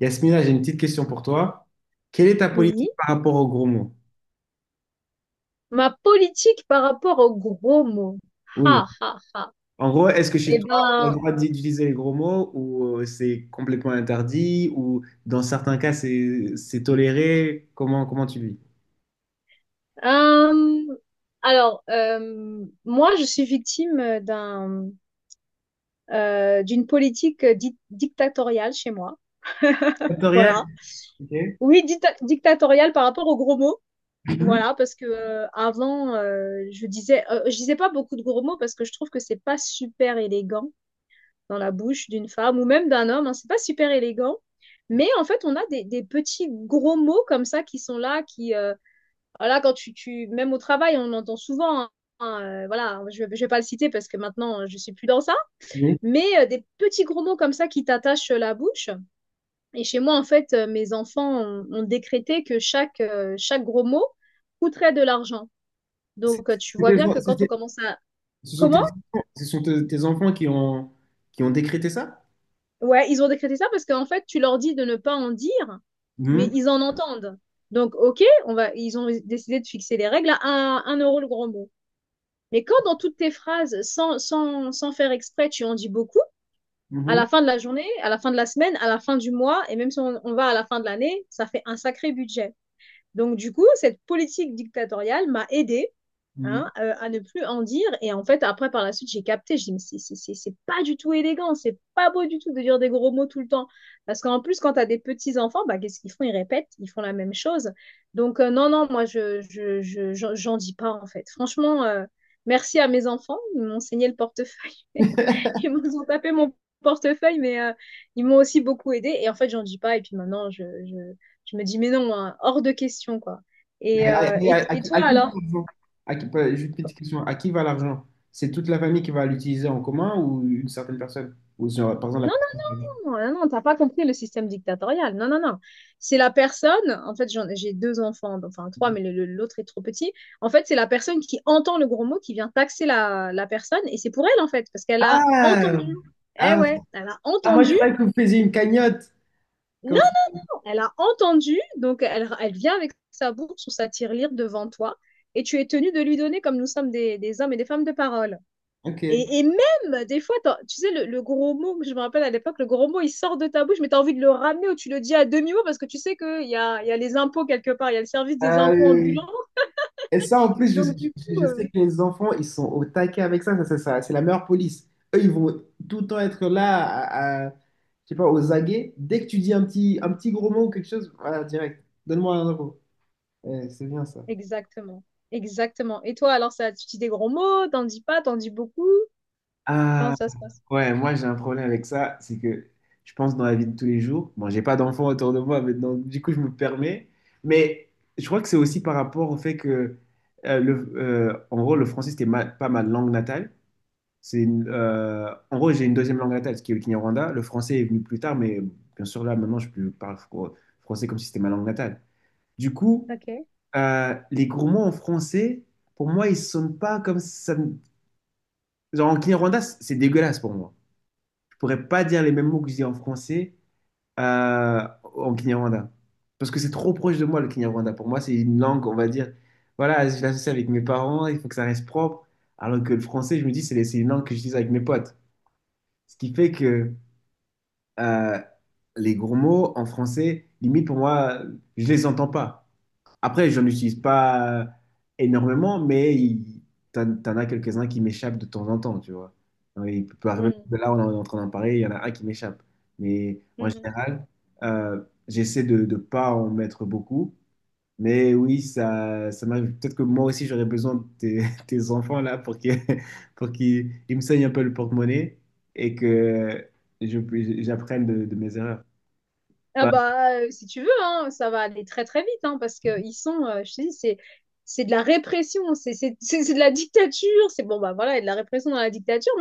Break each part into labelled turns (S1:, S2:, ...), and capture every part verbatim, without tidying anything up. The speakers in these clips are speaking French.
S1: Yasmina, j'ai une petite question pour toi. Quelle est ta politique
S2: Oui.
S1: par rapport aux gros mots?
S2: Ma politique par rapport aux gros mots.
S1: Oui.
S2: Ha, ha, ha.
S1: En gros, est-ce que chez
S2: Eh
S1: toi, on a le
S2: ben,
S1: droit d'utiliser les gros mots ou euh, c'est complètement interdit ou dans certains cas, c'est c'est toléré? Comment, comment tu vis?
S2: euh, alors, euh, moi, je suis victime d'un, euh, d'une politique di- dictatoriale chez moi.
S1: Factoriel.
S2: Voilà.
S1: Ok.
S2: Oui, dicta- dictatoriale par rapport aux gros mots.
S1: Mhm.
S2: Voilà, parce que euh, avant, euh, je disais, euh, je disais pas beaucoup de gros mots parce que je trouve que c'est pas super élégant dans la bouche d'une femme ou même d'un homme. Hein. C'est pas super élégant. Mais en fait, on a des, des, petits gros mots comme ça qui sont là, qui, euh, voilà, quand tu, tu, même au travail, on entend souvent, hein, hein, euh, voilà, je, je vais pas le citer parce que maintenant, euh, je suis plus dans ça,
S1: Oui.
S2: mais euh, des petits gros mots comme ça qui t'attachent la bouche. Et chez moi, en fait, euh, mes enfants ont, ont décrété que chaque, euh, chaque gros mot coûterait de l'argent.
S1: C'est-
S2: Donc, euh, tu
S1: c'est
S2: vois
S1: tes
S2: bien que
S1: en- c'est-
S2: quand on
S1: c'est-
S2: commence à...
S1: ce sont tes,
S2: Comment?
S1: enfants ce sont te- tes enfants qui ont, qui ont décrété ça?
S2: Ouais, ils ont décrété ça parce qu'en fait, tu leur dis de ne pas en dire, mais
S1: Mhm.
S2: ils en entendent. Donc, OK, on va, ils ont décidé de fixer les règles à un, un euro le grand mot. Mais quand dans toutes tes phrases, sans, sans, sans faire exprès, tu en dis beaucoup, à la fin de la journée, à la fin de la semaine, à la fin du mois, et même si on, on va à la fin de l'année, ça fait un sacré budget. Donc, du coup, cette politique dictatoriale m'a aidée, hein,
S1: Mhm.
S2: euh, à ne plus en dire. Et en fait, après, par la suite, j'ai capté. Je dis, mais c'est- c'est c'est- c'est pas du tout élégant, c'est pas beau du tout de dire des gros mots tout le temps. Parce qu'en plus, quand t'as des petits-enfants, bah, qu'est-ce qu'ils font? Ils répètent, ils font la même chose. Donc, euh, non, non, moi, je, je, je- j'en j'en dis pas, en fait. Franchement, euh, merci à mes enfants. Ils m'ont saigné le portefeuille. Ils m'ont tapé mon portefeuille, mais euh, ils m'ont aussi beaucoup aidé. Et en fait, j'en dis pas. Et puis maintenant, je, je, je me dis, mais non, hein, hors de question, quoi. Et,
S1: Mais à,
S2: euh,
S1: mais à-
S2: et,
S1: à
S2: et
S1: qui,
S2: toi,
S1: à qui va
S2: alors?
S1: l'argent? À qui- pas- Juste une petite question. À qui va l'argent? C'est toute la famille qui va l'utiliser en commun ou une certaine personne? Ou genre, par
S2: Non,
S1: exemple, la personne.
S2: non, non, non, t'as pas compris le système dictatorial. Non, non, non. C'est la personne, en fait, j'en- j'ai deux enfants, enfin trois, mais le- le- l'autre est trop petit. En fait, c'est la personne qui entend le gros mot, qui vient taxer la, la personne, et c'est pour elle, en fait, parce qu'elle a
S1: Ah!
S2: entendu. Eh
S1: Ah,
S2: ouais, elle a
S1: ah, moi, je
S2: entendu.
S1: croyais que vous faisiez une cagnotte.
S2: Non,
S1: Comme ça.
S2: elle a entendu, donc elle, elle vient avec sa bourse ou sa tirelire devant toi, et tu es tenu de lui donner, comme nous sommes des, des hommes et des femmes de parole.
S1: Ok.
S2: Et, et même, des fois, t'en- tu sais, le, le gros mot, je me rappelle à l'époque, le gros mot, il sort de ta bouche, mais tu as envie de le ramener ou tu le dis à demi-mot parce que tu sais qu'il y a, il y a les impôts quelque part, il y a le service des impôts
S1: Euh,
S2: ambulants.
S1: et ça, en plus, je,
S2: Donc, du
S1: je-
S2: coup,
S1: je sais
S2: euh,
S1: que les enfants, ils sont au taquet avec ça. Ça, ça, ça, c'est la meilleure police. Eux, ils vont tout le temps être là, à, à- je sais pas, aux aguets. Dès que tu dis un petit, un petit gros mot ou quelque chose, voilà, direct. Donne-moi un euro. Eh, c'est bien ça.
S2: exactement. Exactement. Et toi, alors, ça, tu dis des gros mots, t'en dis pas, t'en dis beaucoup. Comment
S1: Ah,
S2: ça se passe?
S1: ouais, moi j'ai un problème avec ça, c'est que je pense dans la vie de tous les jours, bon, j'ai pas d'enfants autour de moi, mais donc, du coup je me permets, mais je crois que c'est aussi par rapport au fait que, euh, le, euh, en gros, le français c'était ma- pas ma langue natale, c'est une- euh, en gros j'ai une deuxième langue natale, ce qui est le Kinyarwanda, le français est venu plus tard, mais bien sûr là maintenant je peux- parle fr- français comme si c'était ma langue natale. Du coup,
S2: Ok.
S1: euh, les gros mots en français, pour moi ils sonnent pas comme ça, genre en Kinyarwanda c'est c'est dégueulasse pour moi pourrais pas dire les mêmes mots que je dis en français euh, en Kinyarwanda. Parce que c'est trop proche de moi, le Kinyarwanda. Pour moi, c'est une langue, on va dire, voilà, je l'associe avec mes parents, il faut que ça reste propre. Alors que le français, je me dis, c'est c'est une langue que j'utilise avec mes potes. Ce qui fait que euh, les gros mots en français, limite pour moi, je les entends pas. Après, j'en utilise pas énormément, mais il, t'en, t'en as quelques-uns qui m'échappent de temps en temps, tu vois. Euh, Il peut arriver
S2: Mhm.
S1: que là, on est en train d'en parler, il y en a un qui m'échappe. Mais en
S2: Mhm.
S1: général, euh, j'essaie de ne pas en mettre beaucoup. Mais oui, ça, ça m'arrive. Peut-être que moi aussi, j'aurais besoin de tes, tes enfants là pour qu'ils pour qu'ils ils me saignent un peu le porte-monnaie et que je, j'apprenne de, de mes erreurs.
S2: Ah
S1: Bah,
S2: bah, euh, si tu veux, hein, ça va aller très très vite, hein, parce que ils sont, euh, je te dis, c'est c'est de la répression, c'est c'est- c'est- c'est de la dictature, c'est bon bah voilà, il y a de la répression dans la dictature.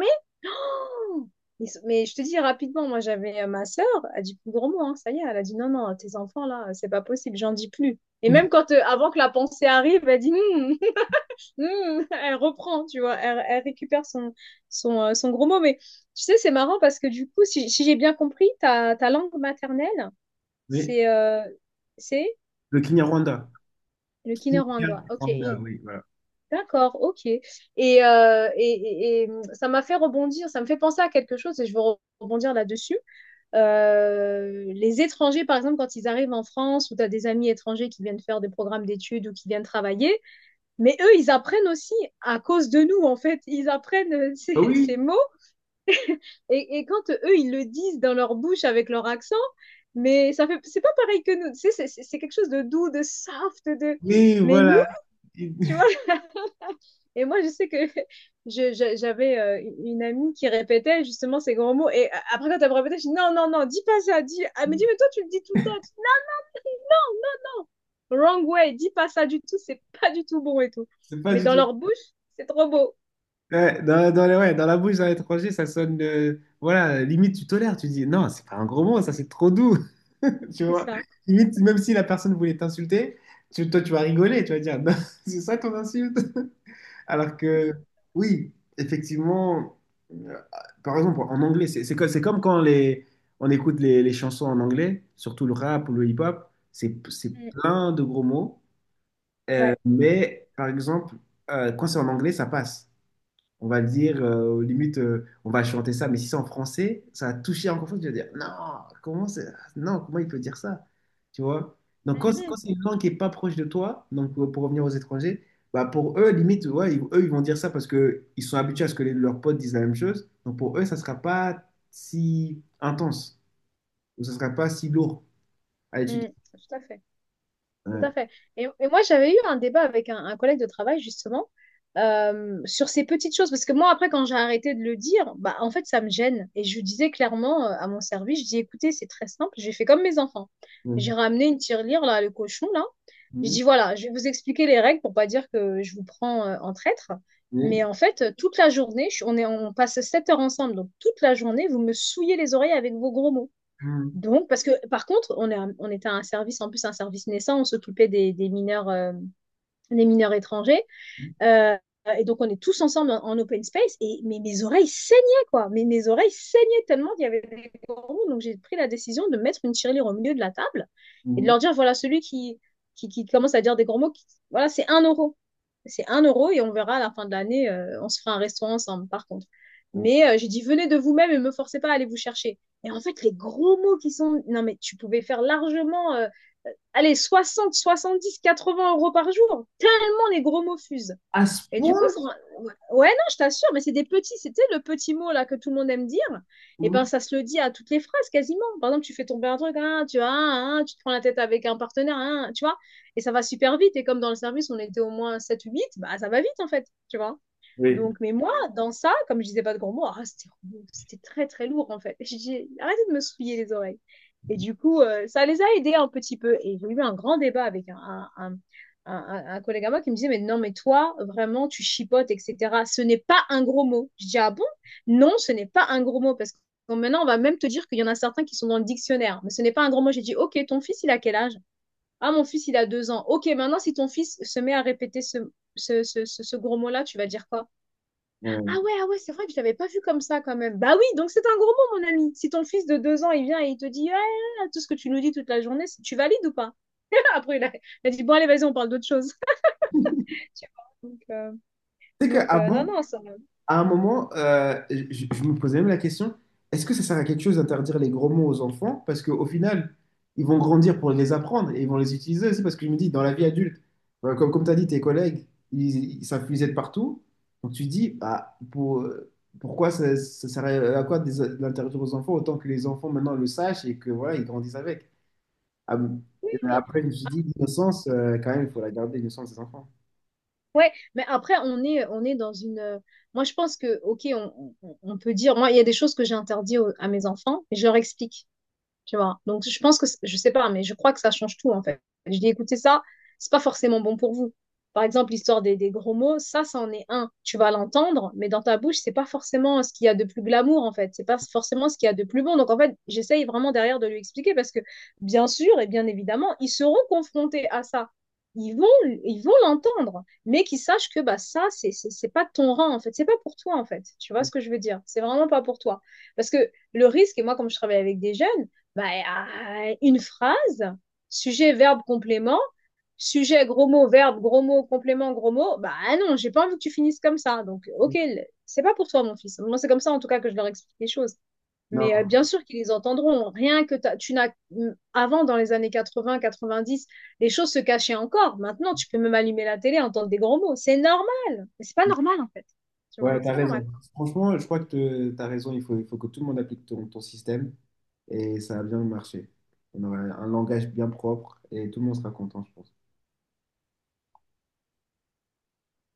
S2: Ils sont- Mais je te dis rapidement, moi j'avais euh, ma sœur, elle dit plus gros mot, hein, ça y est, elle a dit non, non, tes enfants là, c'est pas possible, j'en dis plus. Et même quand, euh, avant que la pensée arrive, elle dit « Hmm », hmm, elle reprend, tu vois, elle, elle récupère son, son, euh, son gros mot. Mais tu sais, c'est marrant parce que du coup, si, si j'ai bien compris, ta, ta langue maternelle,
S1: mais
S2: c'est euh, c'est
S1: le Kinyarwanda.
S2: le kinyarwanda. Ok.
S1: Kinyarwanda,
S2: Et-
S1: oui, voilà.
S2: d'accord, ok. Et, euh, et, et- et, hum, ça m'a fait rebondir, ça me fait penser à quelque chose et je veux rebondir là-dessus. Euh, les étrangers, par exemple, quand ils arrivent en France, ou tu as des amis étrangers qui viennent faire des programmes d'études ou qui viennent travailler, mais eux, ils apprennent aussi à cause de nous, en fait. Ils apprennent ces,
S1: Bah
S2: ces
S1: oui,
S2: mots, et, et quand eux, ils le disent dans leur bouche avec leur accent, mais ça fait, c'est pas pareil que nous, tu sais, c'est quelque chose de doux, de soft, de...
S1: oui,
S2: mais nous,
S1: voilà. Il-
S2: tu vois. Et moi, je sais que, je, je, j'avais euh, une amie qui répétait justement ces grands mots, et euh, après, quand elle me répétait, je dis non, non, non, dis pas ça, dis, ah mais dis, mais toi, tu le dis tout le temps. Wrong way, dis pas ça du tout, c'est pas du tout bon et tout.
S1: C'est pas
S2: Mais
S1: du
S2: dans
S1: tout.
S2: leur bouche, c'est trop beau.
S1: Ouais, dans, dans, les- ouais, dans la bouche d'un étranger, ça sonne. Euh, voilà, limite, tu tolères. Tu dis, non, c'est pas un gros mot, ça, c'est trop doux. Tu
S2: C'est
S1: vois?
S2: ça.
S1: Limite, même si la personne voulait t'insulter, tu- toi, tu vas rigoler. Tu vas dire, non, c'est ça ton insulte. Alors que, oui, effectivement, euh, par exemple, en anglais, c'est c'est co- c'est comme quand les, on écoute les, les chansons en anglais, surtout le rap ou le hip-hop, c'est c'est
S2: Mm,
S1: plein de gros mots. Euh,
S2: ouais.
S1: mais par exemple, euh, quand c'est en anglais, ça passe. On va dire, euh, limite, euh, on va chanter ça, mais si c'est en français, ça va toucher encore plus. Tu vas dire, non, comment c'est... non, comment il peut dire ça? Tu vois? Donc, quand, c'est quand
S2: Mhm,
S1: c'est une langue qui est pas proche de toi, donc pour, pour revenir aux étrangers, bah pour eux, limite, ouais, ils- eux, ils vont dire ça parce que ils sont habitués à ce que les- leurs potes disent la même chose. Donc, pour eux, ça sera pas si intense ou ça sera pas si lourd à étudier.
S2: mm, tout à fait. Tout à
S1: Ouais.
S2: fait. Et, et moi, j'avais eu un débat avec un, un collègue de travail, justement, euh, sur ces petites choses. Parce que moi, après, quand j'ai arrêté de le dire, bah, en fait, ça me gêne. Et je lui disais clairement, euh, à mon service, je dis, écoutez, c'est très simple, j'ai fait comme mes enfants.
S1: Mhm.
S2: J'ai ramené une tirelire, là, le cochon, là. Je
S1: Mhm.
S2: dis, voilà, je vais vous expliquer les règles pour pas dire que je vous prends, euh, en traître. Mais en fait, euh, toute la journée, je- on est, on passe sept heures ensemble. Donc, toute la journée, vous me souillez les oreilles avec vos gros mots. Donc, parce que par contre, on, est on était un service, en plus un service naissant, on s'occupait des, des mineurs, euh, des mineurs étrangers. Euh, et donc, on est tous ensemble en, en open space. Et mais mes oreilles saignaient, quoi. Mais mes oreilles saignaient tellement qu'il y avait des gourous. Donc, j'ai pris la décision de mettre une tirelire au milieu de la table et de
S1: Mhm.
S2: leur dire voilà, celui qui, qui, qui commence à dire des gros mots, qui, voilà, c'est un euro. C'est un euro et on verra à la fin de l'année, euh, on se fera un restaurant ensemble, par contre.
S1: Mhm.
S2: Mais euh, j'ai dit venez de vous-même et ne me forcez pas à aller vous chercher. Et en fait, les gros mots qui sont... Non, mais tu pouvais faire largement, euh, allez, dix quatre-vingts euros par jour. Tellement les gros mots fusent.
S1: À ce
S2: Et du
S1: point,
S2: coup, ça- ouais, non, je t'assure, mais c'est des petits, c'était le petit mot là que tout le monde aime dire. Et ben, ça se le dit à toutes les phrases quasiment. Par exemple, tu fais tomber un truc, hein, tu vois, hein, hein, tu te prends la tête avec un partenaire, hein, tu vois, et ça va super vite. Et comme dans le service, on était au moins sept ou huit, bah ça va vite en fait, tu vois.
S1: oui.
S2: Donc, mais moi, dans ça, comme je disais pas de gros mots, ah, c'était c'était très très lourd en fait. J'ai dit, arrêtez de me souiller les oreilles. Et du coup, euh, ça les a aidés un petit peu. Et j'ai eu un grand débat avec un, un, un- un- un collègue à moi qui me disait, mais non, mais toi, vraiment, tu chipotes, et cetera. Ce n'est pas un gros mot. Je dis, ah bon? Non, ce n'est pas un gros mot. Parce que maintenant, on va même te dire qu'il y en a certains qui sont dans le dictionnaire. Mais ce n'est pas un gros mot. J'ai dit, ok, ton fils, il a quel âge? Ah, mon fils, il a deux ans. Ok, maintenant, si ton fils se met à répéter ce, ce, ce, ce, ce gros mot-là, tu vas dire quoi? Ah
S1: Mm.
S2: ouais, ah ouais, c'est vrai que je l'avais pas vu comme ça quand même. Bah oui, donc c'est un gros mot, mon ami. Si ton fils de deux ans, il vient et il te dit ouais, ouais, ouais, tout ce que tu nous dis toute la journée, c'est- tu valides ou pas? Après, il a, il a dit, bon, allez, vas-y, on parle d'autre chose. Tu vois. Donc, euh,
S1: Tu sais
S2: donc euh, non,
S1: qu'avant,
S2: non, ça.
S1: à un moment, euh, je, je me posais même la question, est-ce que ça sert à quelque chose d'interdire les gros mots aux enfants? Parce qu'au final, ils vont grandir pour les apprendre et ils vont les utiliser aussi. Parce que je me dis, dans la vie adulte, euh, comme, comme tu as dit, tes collègues, ils, ils savent puiser de partout. Donc tu te dis, bah, pour, pourquoi ça, ça sert à quoi de l'interdire aux enfants autant que les enfants maintenant le sachent et que voilà, ils grandissent avec. Ah bon.
S2: Oui,
S1: Et
S2: mais
S1: après, je me suis dit, l'innocence, euh, quand même, il faut la garder, l'innocence des enfants.
S2: ouais, mais après, on est, on est dans une... euh, Moi, je pense que, ok, on, on- on peut dire. Moi, il y a des choses que j'ai interdites au- à mes enfants et je leur explique, tu vois. Donc, je pense que, je sais pas, mais je crois que ça change tout, en fait. Je dis, écoutez, ça, c'est pas forcément bon pour vous. Par exemple, l'histoire des, des gros mots, ça, ça en est un. Tu vas l'entendre, mais dans ta bouche, c'est pas forcément ce qu'il y a de plus glamour, en fait. C'est pas forcément ce qu'il y a de plus bon. Donc, en fait, j'essaye vraiment derrière de lui expliquer parce que, bien sûr et bien évidemment, ils seront confrontés à ça. Ils vont, ils vont l'entendre, mais qu'ils sachent que bah, ça, c'est c'est- c'est pas de ton rang, en fait. C'est pas pour toi, en fait. Tu vois ce que je veux dire? C'est vraiment pas pour toi. Parce que le risque, et moi, comme je travaille avec des jeunes, bah, euh, une phrase, sujet, verbe, complément, sujet, gros mot, verbe, gros mot, complément, gros mot. Bah ah non, j'ai pas envie que tu finisses comme ça. Donc, ok, c'est pas pour toi, mon fils. Moi, c'est comme ça, en tout cas, que je leur explique les choses. Mais euh,
S1: Non,
S2: bien sûr qu'ils les entendront. Rien que tu n'as. Avant, dans les années quatre-vingts quatre-vingt-dix, les choses se cachaient encore. Maintenant, tu peux même allumer la télé, entendre des gros mots. C'est normal. Mais c'est pas normal, en fait. Tu vois,
S1: ouais,
S2: c'est
S1: t'as
S2: pas normal.
S1: raison. Franchement, je crois que te- t'as raison. Il faut, il faut que tout le monde applique ton, ton système et ça va bien marcher. On aura un langage bien propre et tout le monde sera content, je pense.